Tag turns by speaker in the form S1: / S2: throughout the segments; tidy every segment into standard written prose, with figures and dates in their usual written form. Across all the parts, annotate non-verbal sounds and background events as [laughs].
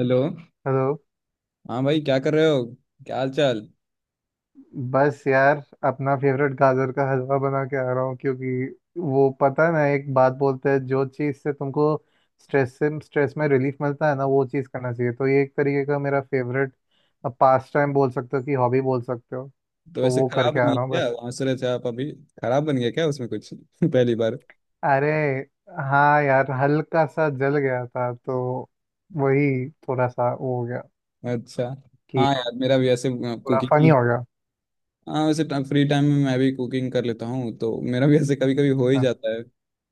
S1: Hello.
S2: Hello.
S1: हाँ भाई, क्या कर रहे हो? क्या हाल चाल?
S2: बस यार, अपना फेवरेट गाजर का हलवा बना के आ रहा हूँ। क्योंकि वो पता है ना, एक बात बोलते हैं, जो चीज़ से तुमको स्ट्रेस से, स्ट्रेस में रिलीफ मिलता है ना, वो चीज़ करना चाहिए। तो ये एक तरीके का मेरा फेवरेट पास टाइम बोल सकते हो कि हॉबी बोल सकते हो।
S1: तो
S2: तो
S1: वैसे
S2: वो
S1: खराब
S2: करके
S1: बन
S2: आ
S1: गया
S2: रहा हूँ
S1: क्या,
S2: बस।
S1: वहाँ से रहे थे आप अभी? खराब बन गया क्या उसमें कुछ? [laughs] पहली बार।
S2: अरे हाँ यार, हल्का सा जल गया था तो वही थोड़ा सा वो हो गया
S1: अच्छा।
S2: कि
S1: हाँ यार, मेरा भी ऐसे
S2: थोड़ा
S1: कुकिंग
S2: फनी
S1: की।
S2: हो गया।
S1: हाँ वैसे फ्री टाइम में मैं भी कुकिंग कर लेता हूँ, तो मेरा भी ऐसे कभी कभी हो ही
S2: हाँ,
S1: जाता है।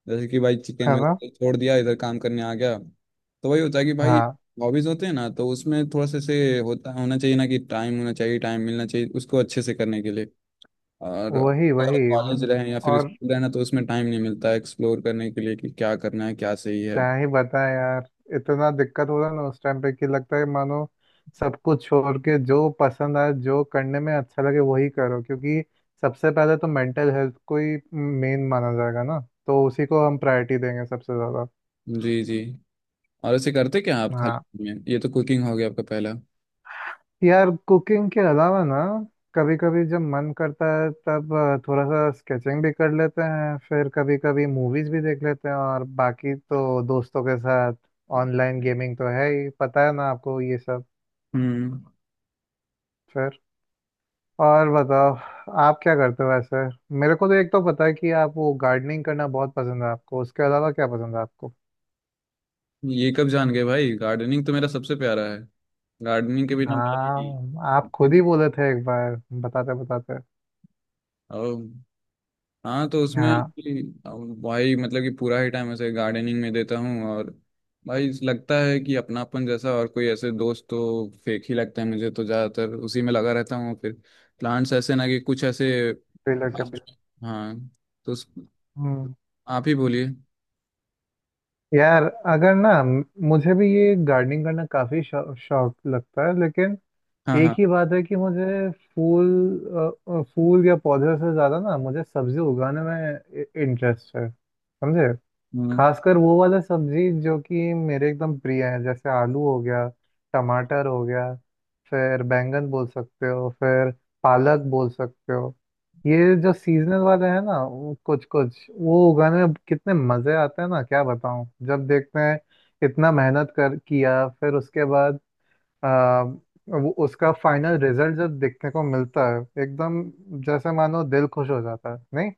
S1: जैसे कि भाई चिकन
S2: है ना।
S1: वैसे छोड़ दिया, इधर काम करने आ गया, तो वही होता है कि भाई
S2: हाँ।
S1: हॉबीज होते हैं ना, तो उसमें थोड़ा सा से होता होना चाहिए ना कि टाइम होना चाहिए, टाइम मिलना चाहिए उसको अच्छे से करने के लिए। और
S2: वही
S1: अगर
S2: वही
S1: कॉलेज रहें या फिर
S2: और
S1: स्कूल रहना तो उसमें टाइम नहीं मिलता एक्सप्लोर करने के लिए कि क्या करना है, क्या सही है।
S2: क्या ही बताएं यार, इतना दिक्कत हो रहा ना उस टाइम पे कि लगता है मानो सब कुछ छोड़ के जो पसंद आए, जो करने में अच्छा लगे वही करो। क्योंकि सबसे पहले तो मेंटल हेल्थ को ही मेन माना जाएगा ना। तो उसी को हम प्रायोरिटी देंगे सबसे ज़्यादा।
S1: जी जी। और ऐसे करते क्या आप खाली
S2: हाँ
S1: time में? ये तो कुकिंग हो गया आपका पहला।
S2: यार, कुकिंग के अलावा ना, कभी कभी जब मन करता है तब थोड़ा सा स्केचिंग भी कर लेते हैं। फिर कभी कभी मूवीज़ भी देख लेते हैं। और बाकी तो दोस्तों के साथ ऑनलाइन गेमिंग तो है ही, पता है ना आपको ये सब।
S1: हम्म।
S2: और बताओ, आप क्या करते हो वैसे। मेरे को तो एक तो पता है कि आप वो गार्डनिंग करना बहुत पसंद है आपको। उसके अलावा क्या पसंद है आपको।
S1: ये कब जान गए भाई, गार्डनिंग तो मेरा सबसे प्यारा है। गार्डनिंग के बिना पहले ही।
S2: हाँ, आप खुद ही बोले थे एक बार बताते बताते।
S1: ओ हाँ, तो उसमें
S2: हाँ।
S1: कि भाई मतलब कि पूरा ही टाइम ऐसे गार्डनिंग में देता हूँ। और भाई लगता है कि अपनापन जैसा, और कोई ऐसे दोस्त तो फेक ही लगता है, मुझे तो ज़्यादातर उसी में लगा रहता हूँ। फिर प्लांट्स ऐसे ना कि कुछ ऐसे।
S2: रिलेटेबल।
S1: हाँ। तो उस-
S2: हम्म।
S1: आप ही बोलिए।
S2: यार, अगर ना मुझे भी ये गार्डनिंग करना काफी शौक लगता है। लेकिन
S1: हाँ
S2: एक
S1: हाँ।
S2: ही बात है कि मुझे फूल, फूल या पौधे से ज्यादा ना मुझे सब्जी उगाने में इंटरेस्ट है समझे।
S1: हम्म।
S2: खासकर वो वाला सब्जी जो कि मेरे एकदम प्रिय है, जैसे आलू हो गया, टमाटर हो गया, फिर बैंगन बोल सकते हो, फिर पालक बोल सकते हो। ये जो सीजनल वाले हैं ना, वो कुछ कुछ वो उगाने में कितने मजे आते हैं ना, क्या बताऊं। जब देखते हैं इतना मेहनत कर किया, फिर उसके बाद आ, वो उसका फाइनल रिजल्ट जब देखने को मिलता है, एकदम जैसे मानो दिल खुश हो जाता है नहीं।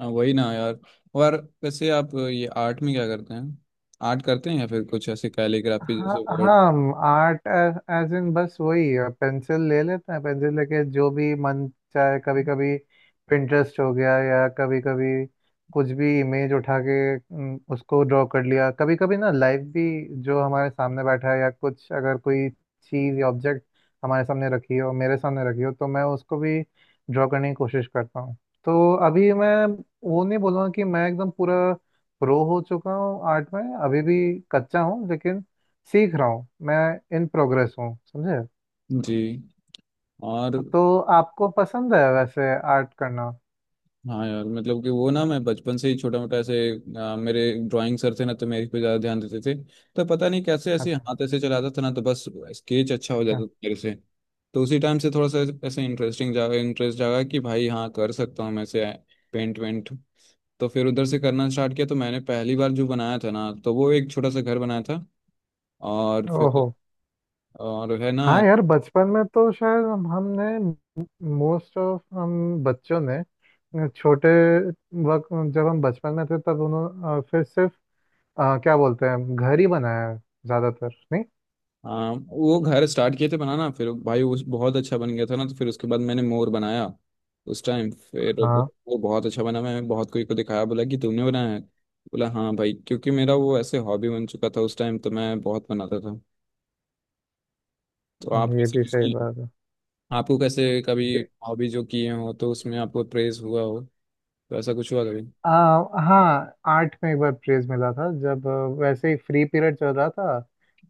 S1: हाँ, वही ना यार। और वैसे आप ये आर्ट में क्या करते हैं? आर्ट करते हैं या फिर कुछ ऐसे कैलीग्राफी
S2: हाँ
S1: जैसे वर्ड?
S2: हाँ, आर्ट एज इन बस वही, पेंसिल ले लेते हैं। पेंसिल लेके जो भी मन चाहे, कभी कभी पिंटरेस्ट हो गया, या कभी कभी कुछ भी इमेज उठा के उसको ड्रॉ कर लिया। कभी कभी ना लाइव भी, जो हमारे सामने बैठा है, या कुछ अगर कोई चीज़ या ऑब्जेक्ट हमारे सामने रखी हो, मेरे सामने रखी हो तो मैं उसको भी ड्रॉ करने की कोशिश करता हूँ। तो अभी मैं वो नहीं बोलूँगा कि मैं एकदम पूरा प्रो हो चुका हूँ आर्ट में। अभी भी कच्चा हूँ, लेकिन सीख रहा हूँ, मैं इन प्रोग्रेस हूँ समझे।
S1: जी। और
S2: तो आपको पसंद है वैसे आर्ट करना।
S1: हाँ यार, मतलब कि वो ना मैं बचपन से ही छोटा मोटा ऐसे, मेरे ड्राइंग सर थे ना, तो मेरे पे ज्यादा ध्यान देते थे। तो पता नहीं कैसे ऐसे
S2: अच्छा
S1: हाथ ऐसे चलाता था ना, तो बस स्केच अच्छा हो
S2: अच्छा।
S1: जाता था मेरे से। तो उसी टाइम से थोड़ा सा ऐसे इंटरेस्टिंग जागा, इंटरेस्ट जागा कि भाई हाँ, कर सकता हूँ मैं से पेंट वेंट। तो फिर उधर से करना स्टार्ट किया, तो मैंने पहली बार जो बनाया था ना, तो वो एक छोटा सा घर बनाया था। और
S2: ओहो।
S1: फिर और है ना,
S2: हाँ यार, बचपन में तो शायद हमने, मोस्ट ऑफ हम बच्चों ने छोटे वक्त, जब हम बचपन में थे तब उन्होंने फिर सिर्फ क्या बोलते हैं, घर ही बनाया है ज्यादातर, नहीं।
S1: हाँ वो घर स्टार्ट किए थे बनाना, फिर भाई उस बहुत अच्छा बन गया था ना, तो फिर उसके बाद मैंने मोर बनाया उस टाइम। फिर
S2: हाँ,
S1: वो बहुत अच्छा बना, मैंने बहुत कोई को दिखाया, बोला कि तुमने बनाया है, बोला हाँ भाई, क्योंकि मेरा वो ऐसे हॉबी बन चुका था उस टाइम, तो मैं बहुत बनाता था। तो आप
S2: ये
S1: कैसे
S2: भी
S1: कुछ
S2: सही
S1: किए?
S2: बात
S1: आपको कैसे कभी
S2: है।
S1: हॉबी जो किए हो तो उसमें आपको प्रेज हुआ हो, तो ऐसा कुछ हुआ कभी?
S2: आ, हाँ, आर्ट में एक बार प्रेज मिला था, जब वैसे ही फ्री पीरियड चल रहा था।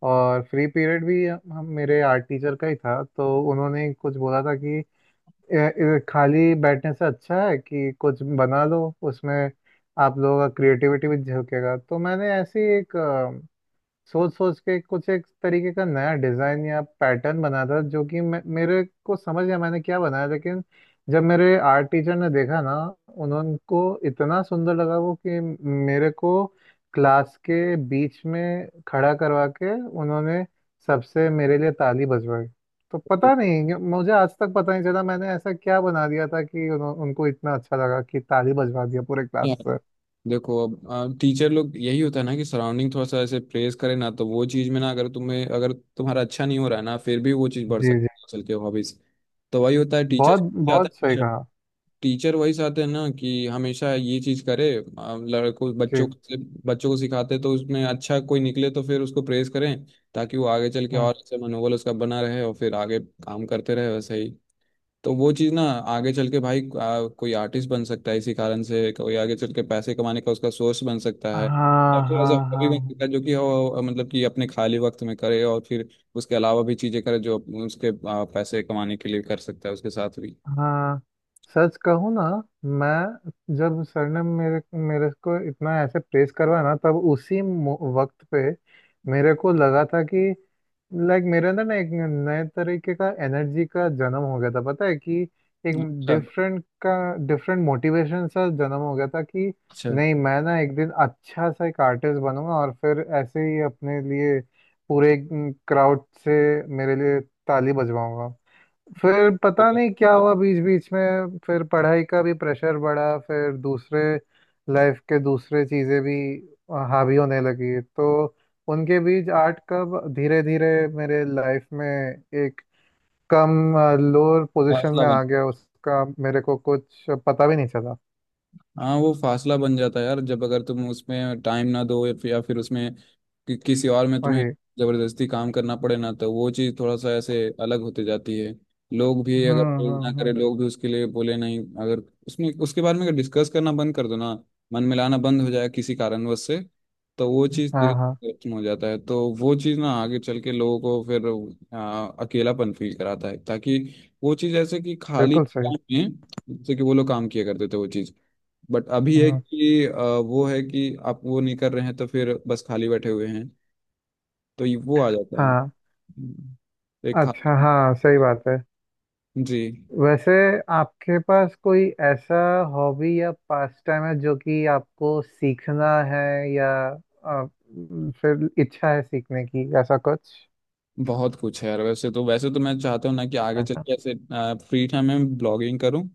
S2: और फ्री पीरियड भी हम मेरे आर्ट टीचर का ही था। तो उन्होंने कुछ बोला था कि खाली बैठने से अच्छा है कि कुछ बना लो, उसमें आप लोगों का क्रिएटिविटी भी झलकेगा"। तो मैंने ऐसे ही एक सोच सोच के कुछ एक तरीके का नया डिजाइन या पैटर्न बना था, जो कि मेरे को समझ गया मैंने क्या बनाया। लेकिन जब मेरे आर्ट टीचर ने देखा ना, उन्होंने को इतना सुंदर लगा वो कि मेरे को क्लास के बीच में खड़ा करवा के उन्होंने सबसे मेरे लिए ताली बजवाई। तो पता नहीं, मुझे आज तक पता नहीं चला मैंने ऐसा क्या बना दिया था कि उनको इतना अच्छा लगा कि ताली बजवा दिया पूरे क्लास से।
S1: देखो, अब टीचर लोग यही होता है ना कि सराउंडिंग थोड़ा सा ऐसे प्रेस करे ना, तो वो चीज में ना, अगर तुम्हें अगर तुम्हारा अच्छा नहीं हो रहा है ना, फिर भी वो चीज बढ़
S2: जी जी।
S1: सकती है चल के हॉबीज। तो वही होता है, टीचर
S2: बहुत,
S1: चाहते
S2: बहुत
S1: हैं
S2: सही
S1: हमेशा।
S2: कहा।
S1: टीचर वही चाहते हैं ना कि हमेशा ये चीज करे। लड़कों
S2: जी।
S1: बच्चों को से- बच्चों को सिखाते तो उसमें अच्छा कोई निकले तो फिर उसको प्रेज करें, ताकि वो आगे चल के
S2: हम्म।
S1: और अच्छा मनोबल उसका बना रहे और फिर आगे काम करते रहे वैसे ही। तो वो चीज़ ना आगे चल के भाई कोई आर्टिस्ट बन सकता है, इसी कारण से कोई आगे चल के पैसे कमाने का उसका सोर्स बन सकता है। और
S2: हाँ
S1: फिर एज
S2: हाँ
S1: हॉबी
S2: हाँ
S1: बन सकता है जो कि वो मतलब कि अपने खाली वक्त में करे और फिर उसके अलावा भी चीज़ें करे जो उसके पैसे कमाने के लिए कर सकता है उसके साथ भी।
S2: हाँ। सच कहूँ ना, मैं जब सर ने मेरे मेरे को इतना ऐसे प्रेस करवाया ना, तब उसी वक्त पे मेरे को लगा था कि लाइक मेरे अंदर ना एक नए तरीके का एनर्जी का जन्म हो गया था, पता है कि एक
S1: अच्छा
S2: डिफरेंट का डिफरेंट मोटिवेशन सा जन्म हो गया था कि
S1: अच्छा।
S2: नहीं, मैं ना एक दिन अच्छा सा एक आर्टिस्ट बनूंगा और फिर ऐसे ही अपने लिए पूरे क्राउड से मेरे लिए ताली बजवाऊंगा। फिर पता नहीं क्या हुआ, बीच बीच में फिर पढ़ाई का भी प्रेशर बढ़ा। फिर दूसरे लाइफ के दूसरे चीज़ें भी हावी होने लगी। तो उनके बीच आर्ट कब धीरे धीरे मेरे लाइफ में एक कम लोअर पोजीशन
S1: फासला
S2: में
S1: बन,
S2: आ गया उसका मेरे को कुछ पता भी नहीं चला।
S1: हाँ वो फासला बन जाता है यार जब अगर तुम उसमें टाइम ना दो या फिर उसमें कि किसी और में तुम्हें
S2: वही।
S1: जबरदस्ती काम करना पड़े ना, तो वो चीज़ थोड़ा सा ऐसे अलग होते जाती है। लोग भी अगर प्रेज ना करे,
S2: हम्म।
S1: लोग भी उसके लिए बोले नहीं, अगर उसमें उसके बारे में अगर डिस्कस करना बंद कर दो ना, मन मिलाना बंद हो जाए किसी कारणवश से, तो वो चीज़
S2: हाँ
S1: धीरे
S2: हाँ।
S1: धीरे खत्म हो जाता है। तो वो चीज़ ना आगे चल के लोगों को फिर अकेलापन फील कराता है, ताकि वो चीज़ ऐसे कि खाली
S2: बिल्कुल सही।
S1: टाइम में जैसे कि वो लोग काम किया करते थे वो चीज़, बट अभी है
S2: हम्म।
S1: कि वो है कि आप वो नहीं कर रहे हैं, तो फिर बस खाली बैठे हुए हैं। तो ये वो आ जाता है।
S2: हाँ।
S1: हम्म, एक खा।
S2: अच्छा, हाँ सही बात है।
S1: जी।
S2: वैसे आपके पास कोई ऐसा हॉबी या पास टाइम है जो कि आपको सीखना है, या आ, फिर इच्छा है सीखने की, ऐसा कुछ।
S1: बहुत कुछ है यार, वैसे तो मैं चाहता हूँ ना कि आगे चल
S2: अच्छा
S1: के ऐसे फ्री टाइम में ब्लॉगिंग करूँ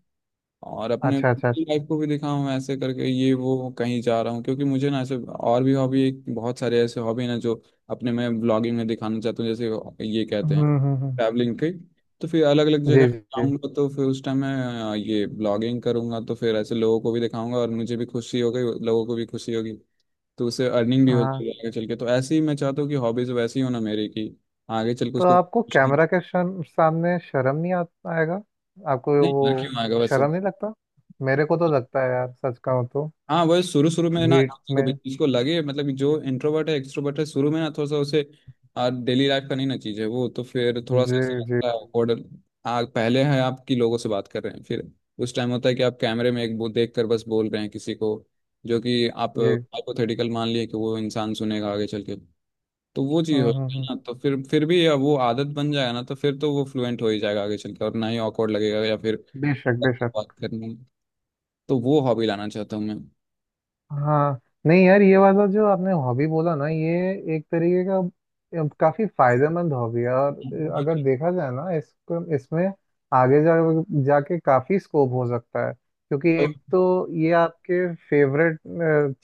S1: और अपने
S2: अच्छा अच्छा अच्छा।
S1: लाइफ को भी दिखाऊं ऐसे करके ये वो कहीं जा रहा हूँ, क्योंकि मुझे ना ऐसे और भी हॉबी एक बहुत सारे ऐसे हॉबी ना जो अपने मैं ब्लॉगिंग में दिखाना चाहता हूँ। जैसे ये कहते
S2: हम्म
S1: हैं
S2: हम्म हम्म।
S1: ट्रैवलिंग की, तो फिर अलग अलग जगह
S2: जी जी जी।
S1: जाऊंगा, तो फिर उस टाइम मैं ये ब्लॉगिंग करूंगा, तो फिर ऐसे लोगों को भी दिखाऊंगा और मुझे भी खुशी होगी, लोगों को भी खुशी होगी। तो उससे अर्निंग भी
S2: हाँ,
S1: होती है आगे चल के, तो ऐसे ही मैं चाहता हूँ कि हॉबीज वैसी हो ना मेरी की आगे चल के
S2: तो
S1: उसको
S2: आपको
S1: कुछ नहीं।
S2: कैमरा के सामने शर्म नहीं आ, आएगा, आपको
S1: नहीं, ना क्यों
S2: वो
S1: आएगा वैसे?
S2: शर्म नहीं लगता। मेरे को तो लगता है यार सच कहूँ तो।
S1: हाँ वही शुरू शुरू में ना
S2: भीड़
S1: किसी को
S2: में।
S1: भी चीज को लगे मतलब कि जो इंट्रोवर्ट है एक्सट्रोवर्ट है शुरू में ना थोड़ा सा उसे डेली लाइफ का नहीं ना चीज है वो, तो फिर थोड़ा सा
S2: जी
S1: ऐसा
S2: जी
S1: लगता है awkward। पहले है आपकी लोगों से बात कर रहे हैं, फिर उस टाइम होता है कि आप कैमरे में एक वो देख कर बस बोल रहे हैं किसी को, जो कि आप
S2: जी।
S1: हाइपोथेटिकल मान लिए कि वो इंसान सुनेगा आगे चल के। तो वो चीज़ होती
S2: हम्म।
S1: है ना, तो फिर भी अब वो आदत बन जाएगा ना, तो फिर तो वो फ्लुएंट हो ही जाएगा आगे चल के और ना ही awkward लगेगा या फिर
S2: बेशक बेशक।
S1: बात करने में। तो वो हॉबी लाना चाहता हूँ मैं।
S2: हाँ। नहीं यार, ये वाला जो आपने हॉबी बोला ना, ये एक तरीके का काफी फायदेमंद हॉबी है। और अगर देखा जाए ना इसको, इसमें आगे जा जाके काफी स्कोप हो सकता है। क्योंकि एक
S1: [laughs]
S2: तो ये आपके फेवरेट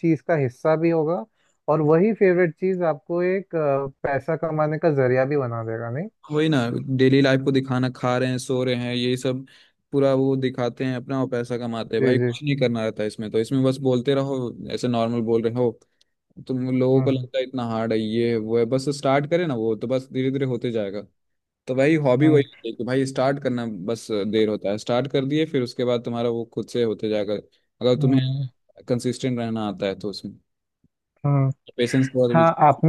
S2: चीज का हिस्सा भी होगा, और वही फेवरेट चीज आपको एक पैसा कमाने का जरिया भी बना देगा नहीं।
S1: वही ना। डेली लाइफ को दिखाना, खा रहे हैं, सो रहे हैं, यही सब पूरा वो दिखाते हैं अपना और पैसा कमाते हैं
S2: जी
S1: भाई,
S2: जी।
S1: कुछ नहीं करना रहता है इसमें, तो इसमें बस बोलते रहो ऐसे नॉर्मल बोल रहे हो। तुम लोगों को
S2: हम्म
S1: लगता है इतना हार्ड है, ये है, वो है, बस स्टार्ट करें ना, वो तो बस धीरे धीरे होते जाएगा। तो भाई हॉबी
S2: हम्म
S1: वही है कि भाई स्टार्ट करना बस, देर होता है स्टार्ट कर दिए फिर उसके बाद तुम्हारा वो खुद से होते जाकर, अगर
S2: हम्म
S1: तुम्हें
S2: हम्म
S1: कंसिस्टेंट रहना आता है, तो उसमें
S2: हम्म।
S1: पेशेंस बहुत भी।
S2: हाँ आप,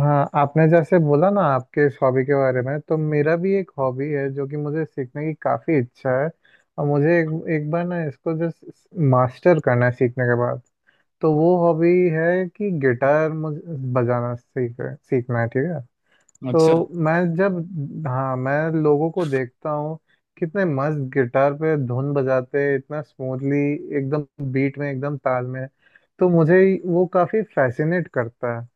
S2: हाँ आपने जैसे बोला ना आपके इस हॉबी के बारे में, तो मेरा भी एक हॉबी है जो कि मुझे सीखने की काफ़ी इच्छा है। और मुझे एक, एक बार ना इसको जस्ट मास्टर करना है सीखने के बाद। तो वो हॉबी है कि गिटार मुझे बजाना सीखना है ठीक है।
S1: अच्छा।
S2: तो मैं जब, हाँ मैं लोगों को देखता हूँ कितने मस्त गिटार पे धुन बजाते हैं, इतना स्मूथली, एकदम बीट में, एकदम ताल में। तो मुझे वो काफी फैसिनेट करता है।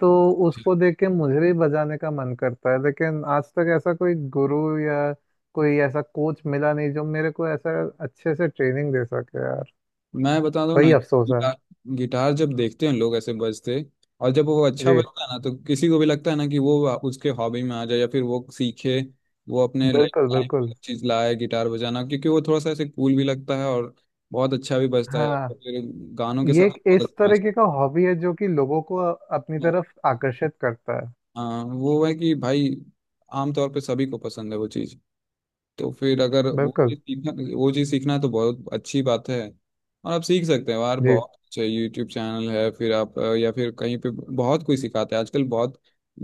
S2: तो उसको देख के मुझे भी बजाने का मन करता है। लेकिन आज तक ऐसा कोई गुरु या कोई ऐसा कोच मिला नहीं जो मेरे को ऐसा अच्छे से ट्रेनिंग दे सके यार।
S1: मैं बता दूं
S2: वही
S1: ना,
S2: अफसोस है।
S1: गिटार गिटार जब देखते हैं लोग ऐसे बजते, और जब वो अच्छा
S2: जी।
S1: बजता है ना, तो किसी को भी लगता है ना कि वो उसके हॉबी में आ जाए या फिर वो सीखे, वो अपने लाइफ
S2: बिल्कुल
S1: लाइफ
S2: बिल्कुल।
S1: में चीज लाए गिटार बजाना, क्योंकि वो थोड़ा सा ऐसे कूल भी लगता है और बहुत अच्छा भी बजता है, और
S2: हाँ,
S1: फिर गानों के साथ
S2: ये एक
S1: बहुत
S2: इस
S1: अच्छा
S2: तरीके का हॉबी है जो कि लोगों को अपनी
S1: match।
S2: तरफ आकर्षित करता है।
S1: हाँ वो है कि भाई आमतौर पे सभी को पसंद है वो चीज़। तो फिर अगर
S2: बिल्कुल।
S1: वो चीज़ सीखना है, तो बहुत अच्छी बात है। और आप सीख सकते हैं यार,
S2: जी।
S1: बहुत अच्छा यूट्यूब चैनल है, फिर आप या फिर कहीं पे बहुत कोई सिखाता है आजकल, बहुत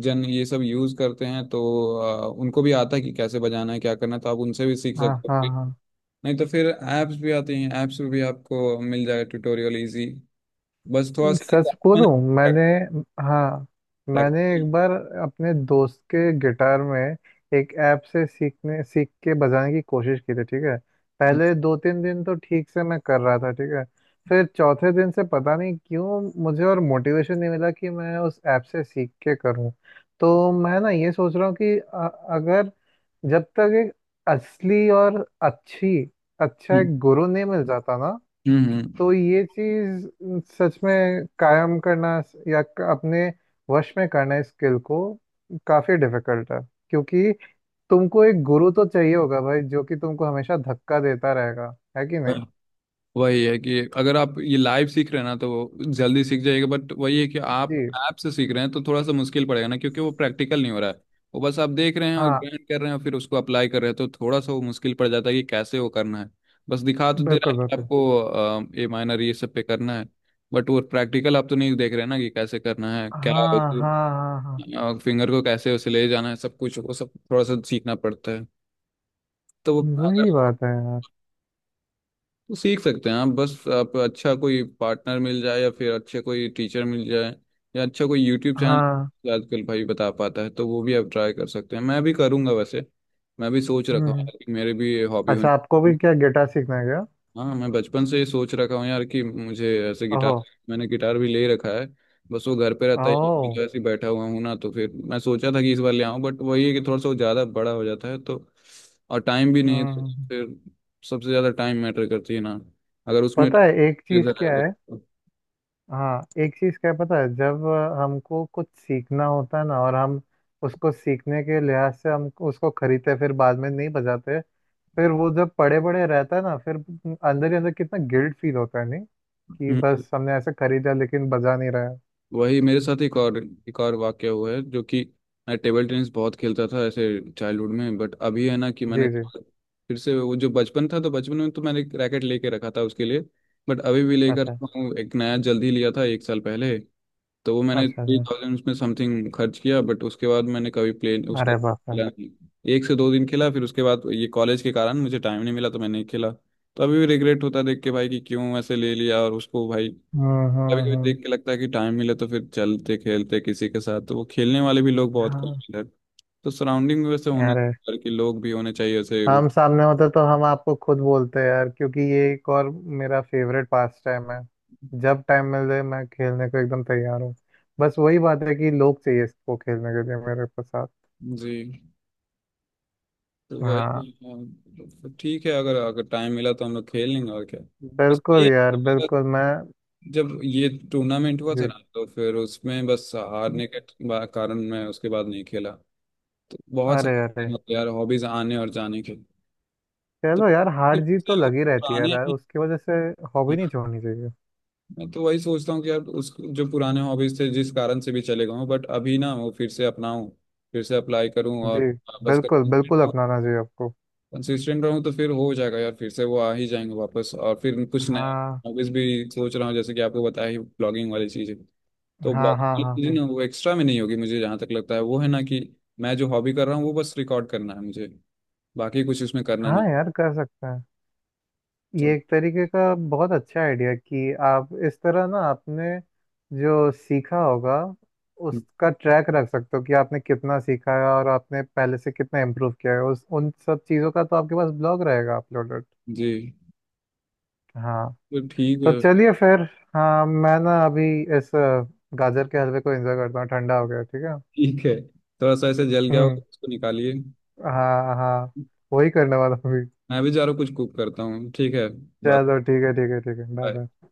S1: जन ये सब यूज़ करते हैं तो उनको भी आता है कि कैसे बजाना है, क्या करना है, तो आप उनसे भी सीख
S2: हाँ
S1: सकते हो
S2: हाँ
S1: फिर।
S2: हाँ।
S1: नहीं तो फिर ऐप्स भी आती हैं, ऐप्स पे भी आपको मिल जाएगा ट्यूटोरियल इजी। बस थोड़ा सा
S2: सच बोलूं, मैंने हाँ मैंने
S1: प्रैक्टिस।
S2: एक बार अपने दोस्त के गिटार में एक ऐप से सीख के बजाने की कोशिश की थी, ठीक है।
S1: हम्म
S2: पहले दो तीन दिन तो ठीक से मैं कर रहा था ठीक है। फिर चौथे दिन से पता नहीं क्यों मुझे और मोटिवेशन नहीं मिला कि मैं उस ऐप से सीख के करूं। तो मैं ना ये सोच रहा हूँ कि अगर, जब तक एक असली और अच्छी अच्छा एक गुरु नहीं मिल जाता ना,
S1: हम्म हम्म,
S2: तो ये चीज सच में कायम करना या अपने वश में करना इस स्किल को काफी डिफिकल्ट है। क्योंकि तुमको एक गुरु तो चाहिए होगा भाई जो कि तुमको हमेशा धक्का देता रहेगा, है कि नहीं।
S1: हम्म। वही है कि अगर आप ये लाइव सीख रहे हैं ना तो वो जल्दी सीख जाएगा, बट वही है कि आप
S2: जी।
S1: ऐप से सीख रहे हैं तो थोड़ा सा मुश्किल पड़ेगा ना, क्योंकि वो प्रैक्टिकल नहीं हो रहा है। वो बस आप देख रहे हैं और
S2: हाँ,
S1: ग्राइंड कर रहे हैं और फिर उसको अप्लाई कर रहे हैं, तो थोड़ा सा वो मुश्किल पड़ जाता है कि कैसे वो करना है। बस दिखा तो दे रहा
S2: बिल्कुल
S1: है कि
S2: बिल्कुल।
S1: आपको ए माइनर ये सब पे करना है, बट वो प्रैक्टिकल आप तो नहीं देख रहे ना कि कैसे करना है क्या,
S2: हाँ हाँ हाँ हाँ,
S1: फिंगर को कैसे उसे ले जाना है, सब कुछ वो सब थोड़ा सा सीखना पड़ता है। तो वो अगर
S2: वही बात है यार।
S1: तो सीख सकते हैं आप, बस आप अच्छा कोई पार्टनर मिल जाए या फिर अच्छे कोई टीचर मिल जाए या अच्छा कोई यूट्यूब
S2: हाँ।
S1: चैनल आजकल भाई बता पाता है, तो वो भी आप ट्राई कर सकते हैं। मैं भी करूँगा वैसे, मैं भी सोच रखा
S2: हम्म
S1: हूँ
S2: हम्म।
S1: कि मेरे भी हॉबी
S2: अच्छा, आपको भी
S1: होनी।
S2: क्या गिटार सीखना है क्या।
S1: हाँ, मैं बचपन से ये सोच रखा हूँ यार कि मुझे ऐसे गिटार,
S2: ओहो।
S1: मैंने गिटार भी ले रखा है। बस वो घर पे रहता है, एक
S2: ओह।
S1: जगह से बैठा हुआ हूँ ना, तो फिर मैं सोचा था कि इस बार ले आऊँ, बट वही है कि थोड़ा सा वो ज़्यादा बड़ा हो जाता है तो, और टाइम भी नहीं
S2: हम्म
S1: है, तो
S2: हम्म, हम्म।
S1: फिर सबसे ज़्यादा टाइम मैटर करती है ना अगर उसमें।
S2: पता है एक चीज क्या है, हाँ एक चीज क्या है पता है, जब हमको कुछ सीखना होता है ना, और हम उसको सीखने के लिहाज से हम उसको खरीदते हैं, फिर बाद में नहीं बजाते। फिर वो जब पड़े पड़े रहता है ना, फिर अंदर ही अंदर कितना गिल्ट फील होता है नहीं, कि
S1: हम्म।
S2: बस हमने ऐसे खरीदा लेकिन बजा नहीं रहा है।
S1: वही मेरे साथ एक और वाक्य हुआ है जो कि मैं टेबल टेनिस बहुत खेलता था ऐसे चाइल्डहुड में, बट अभी है ना कि मैंने
S2: जी जी।
S1: फिर से वो जो बचपन था, तो बचपन में तो मैंने एक रैकेट लेके रखा था उसके लिए। बट अभी भी लेकर
S2: अच्छा
S1: तो हूँ, एक नया जल्दी लिया था एक साल पहले। तो वो मैंने
S2: अच्छा
S1: थ्री
S2: अच्छा।
S1: थाउजेंड उसमें समथिंग खर्च किया, बट उसके बाद मैंने कभी प्ले उसको
S2: अरे बाप रे।
S1: खेला नहीं। एक से दो दिन खेला, फिर उसके बाद ये कॉलेज के कारण मुझे टाइम नहीं मिला तो मैंने नहीं खेला। तो अभी भी रिग्रेट होता है देख के भाई कि क्यों ऐसे ले लिया और उसको भाई कभी कभी
S2: हम्म।
S1: देख के लगता है कि टाइम मिले तो फिर चलते खेलते किसी के साथ, तो वो खेलने वाले भी लोग बहुत कम हैं
S2: हाँ।
S1: इधर। तो सराउंडिंग में वैसे होना
S2: अरे,
S1: चाहिए कि लोग भी होने चाहिए ऐसे वो।
S2: हम सामने होते तो हम आपको खुद बोलते यार, क्योंकि ये एक और मेरा फेवरेट पास टाइम है। जब टाइम मिल जाए मैं खेलने को एकदम तैयार हूँ। बस वही बात है कि लोग चाहिए इसको खेलने के लिए मेरे के साथ।
S1: जी। तो
S2: हाँ,
S1: वही हाँ, तो ठीक है, अगर अगर टाइम मिला तो हम लोग खेल लेंगे, और क्या। बस
S2: बिल्कुल
S1: ये
S2: यार बिल्कुल। मैं।
S1: जब ये टूर्नामेंट हुआ था
S2: जी।
S1: ना, तो फिर उसमें बस हारने के कारण मैं उसके बाद नहीं खेला। तो बहुत
S2: अरे
S1: सारे
S2: अरे,
S1: मतलब यार हॉबीज आने और जाने के, तो
S2: चलो यार, हार जीत तो लगी रहती है
S1: पुराने
S2: यार।
S1: हैं।
S2: उसकी वजह से हॉबी नहीं छोड़नी चाहिए।
S1: मैं तो वही सोचता हूँ कि यार उस जो पुराने हॉबीज थे जिस कारण से भी चले गए, बट अभी ना वो फिर से अपनाऊं, फिर से अप्लाई करूँ,
S2: जी,
S1: और बस
S2: बिल्कुल बिल्कुल, अपनाना चाहिए आपको।
S1: कंसिस्टेंट रहूँ तो फिर हो जाएगा यार, फिर से वो आ ही जाएंगे वापस। और फिर कुछ नए
S2: हाँ
S1: हॉबीज भी सोच रहा हूँ, जैसे कि आपको बताया ही, ब्लॉगिंग वाली चीज़। तो
S2: हाँ हाँ हाँ
S1: ब्लॉगिंग
S2: हाँ।
S1: ना वो एक्स्ट्रा में नहीं होगी मुझे जहाँ तक लगता है, वो है ना कि मैं जो हॉबी कर रहा हूँ वो बस रिकॉर्ड करना है मुझे, बाकी कुछ उसमें करना
S2: हाँ
S1: नहीं।
S2: यार, कर सकते हैं। ये
S1: तो
S2: एक तरीके का बहुत अच्छा आइडिया कि आप इस तरह ना आपने जो सीखा होगा उसका ट्रैक रख सकते हो कि आपने कितना सीखा है और आपने पहले से कितना इम्प्रूव किया है, उस उन सब चीज़ों का तो आपके पास ब्लॉग रहेगा अपलोडेड।
S1: जी।
S2: हाँ।
S1: तो ठीक है।
S2: तो चलिए फिर, हाँ मैं ना अभी इस गाजर के हलवे को एंजॉय करता हूँ, ठंडा हो गया ठीक है।
S1: ठीक है, थोड़ा सा ऐसे जल गया हो तो
S2: हम्म।
S1: उसको निकालिए।
S2: हाँ हाँ, वही करने वाला हूँ अभी।
S1: मैं भी जा रहा हूँ, कुछ कुक करता हूँ ठीक है। बात।
S2: चलो ठीक है ठीक है ठीक है, बाय बाय।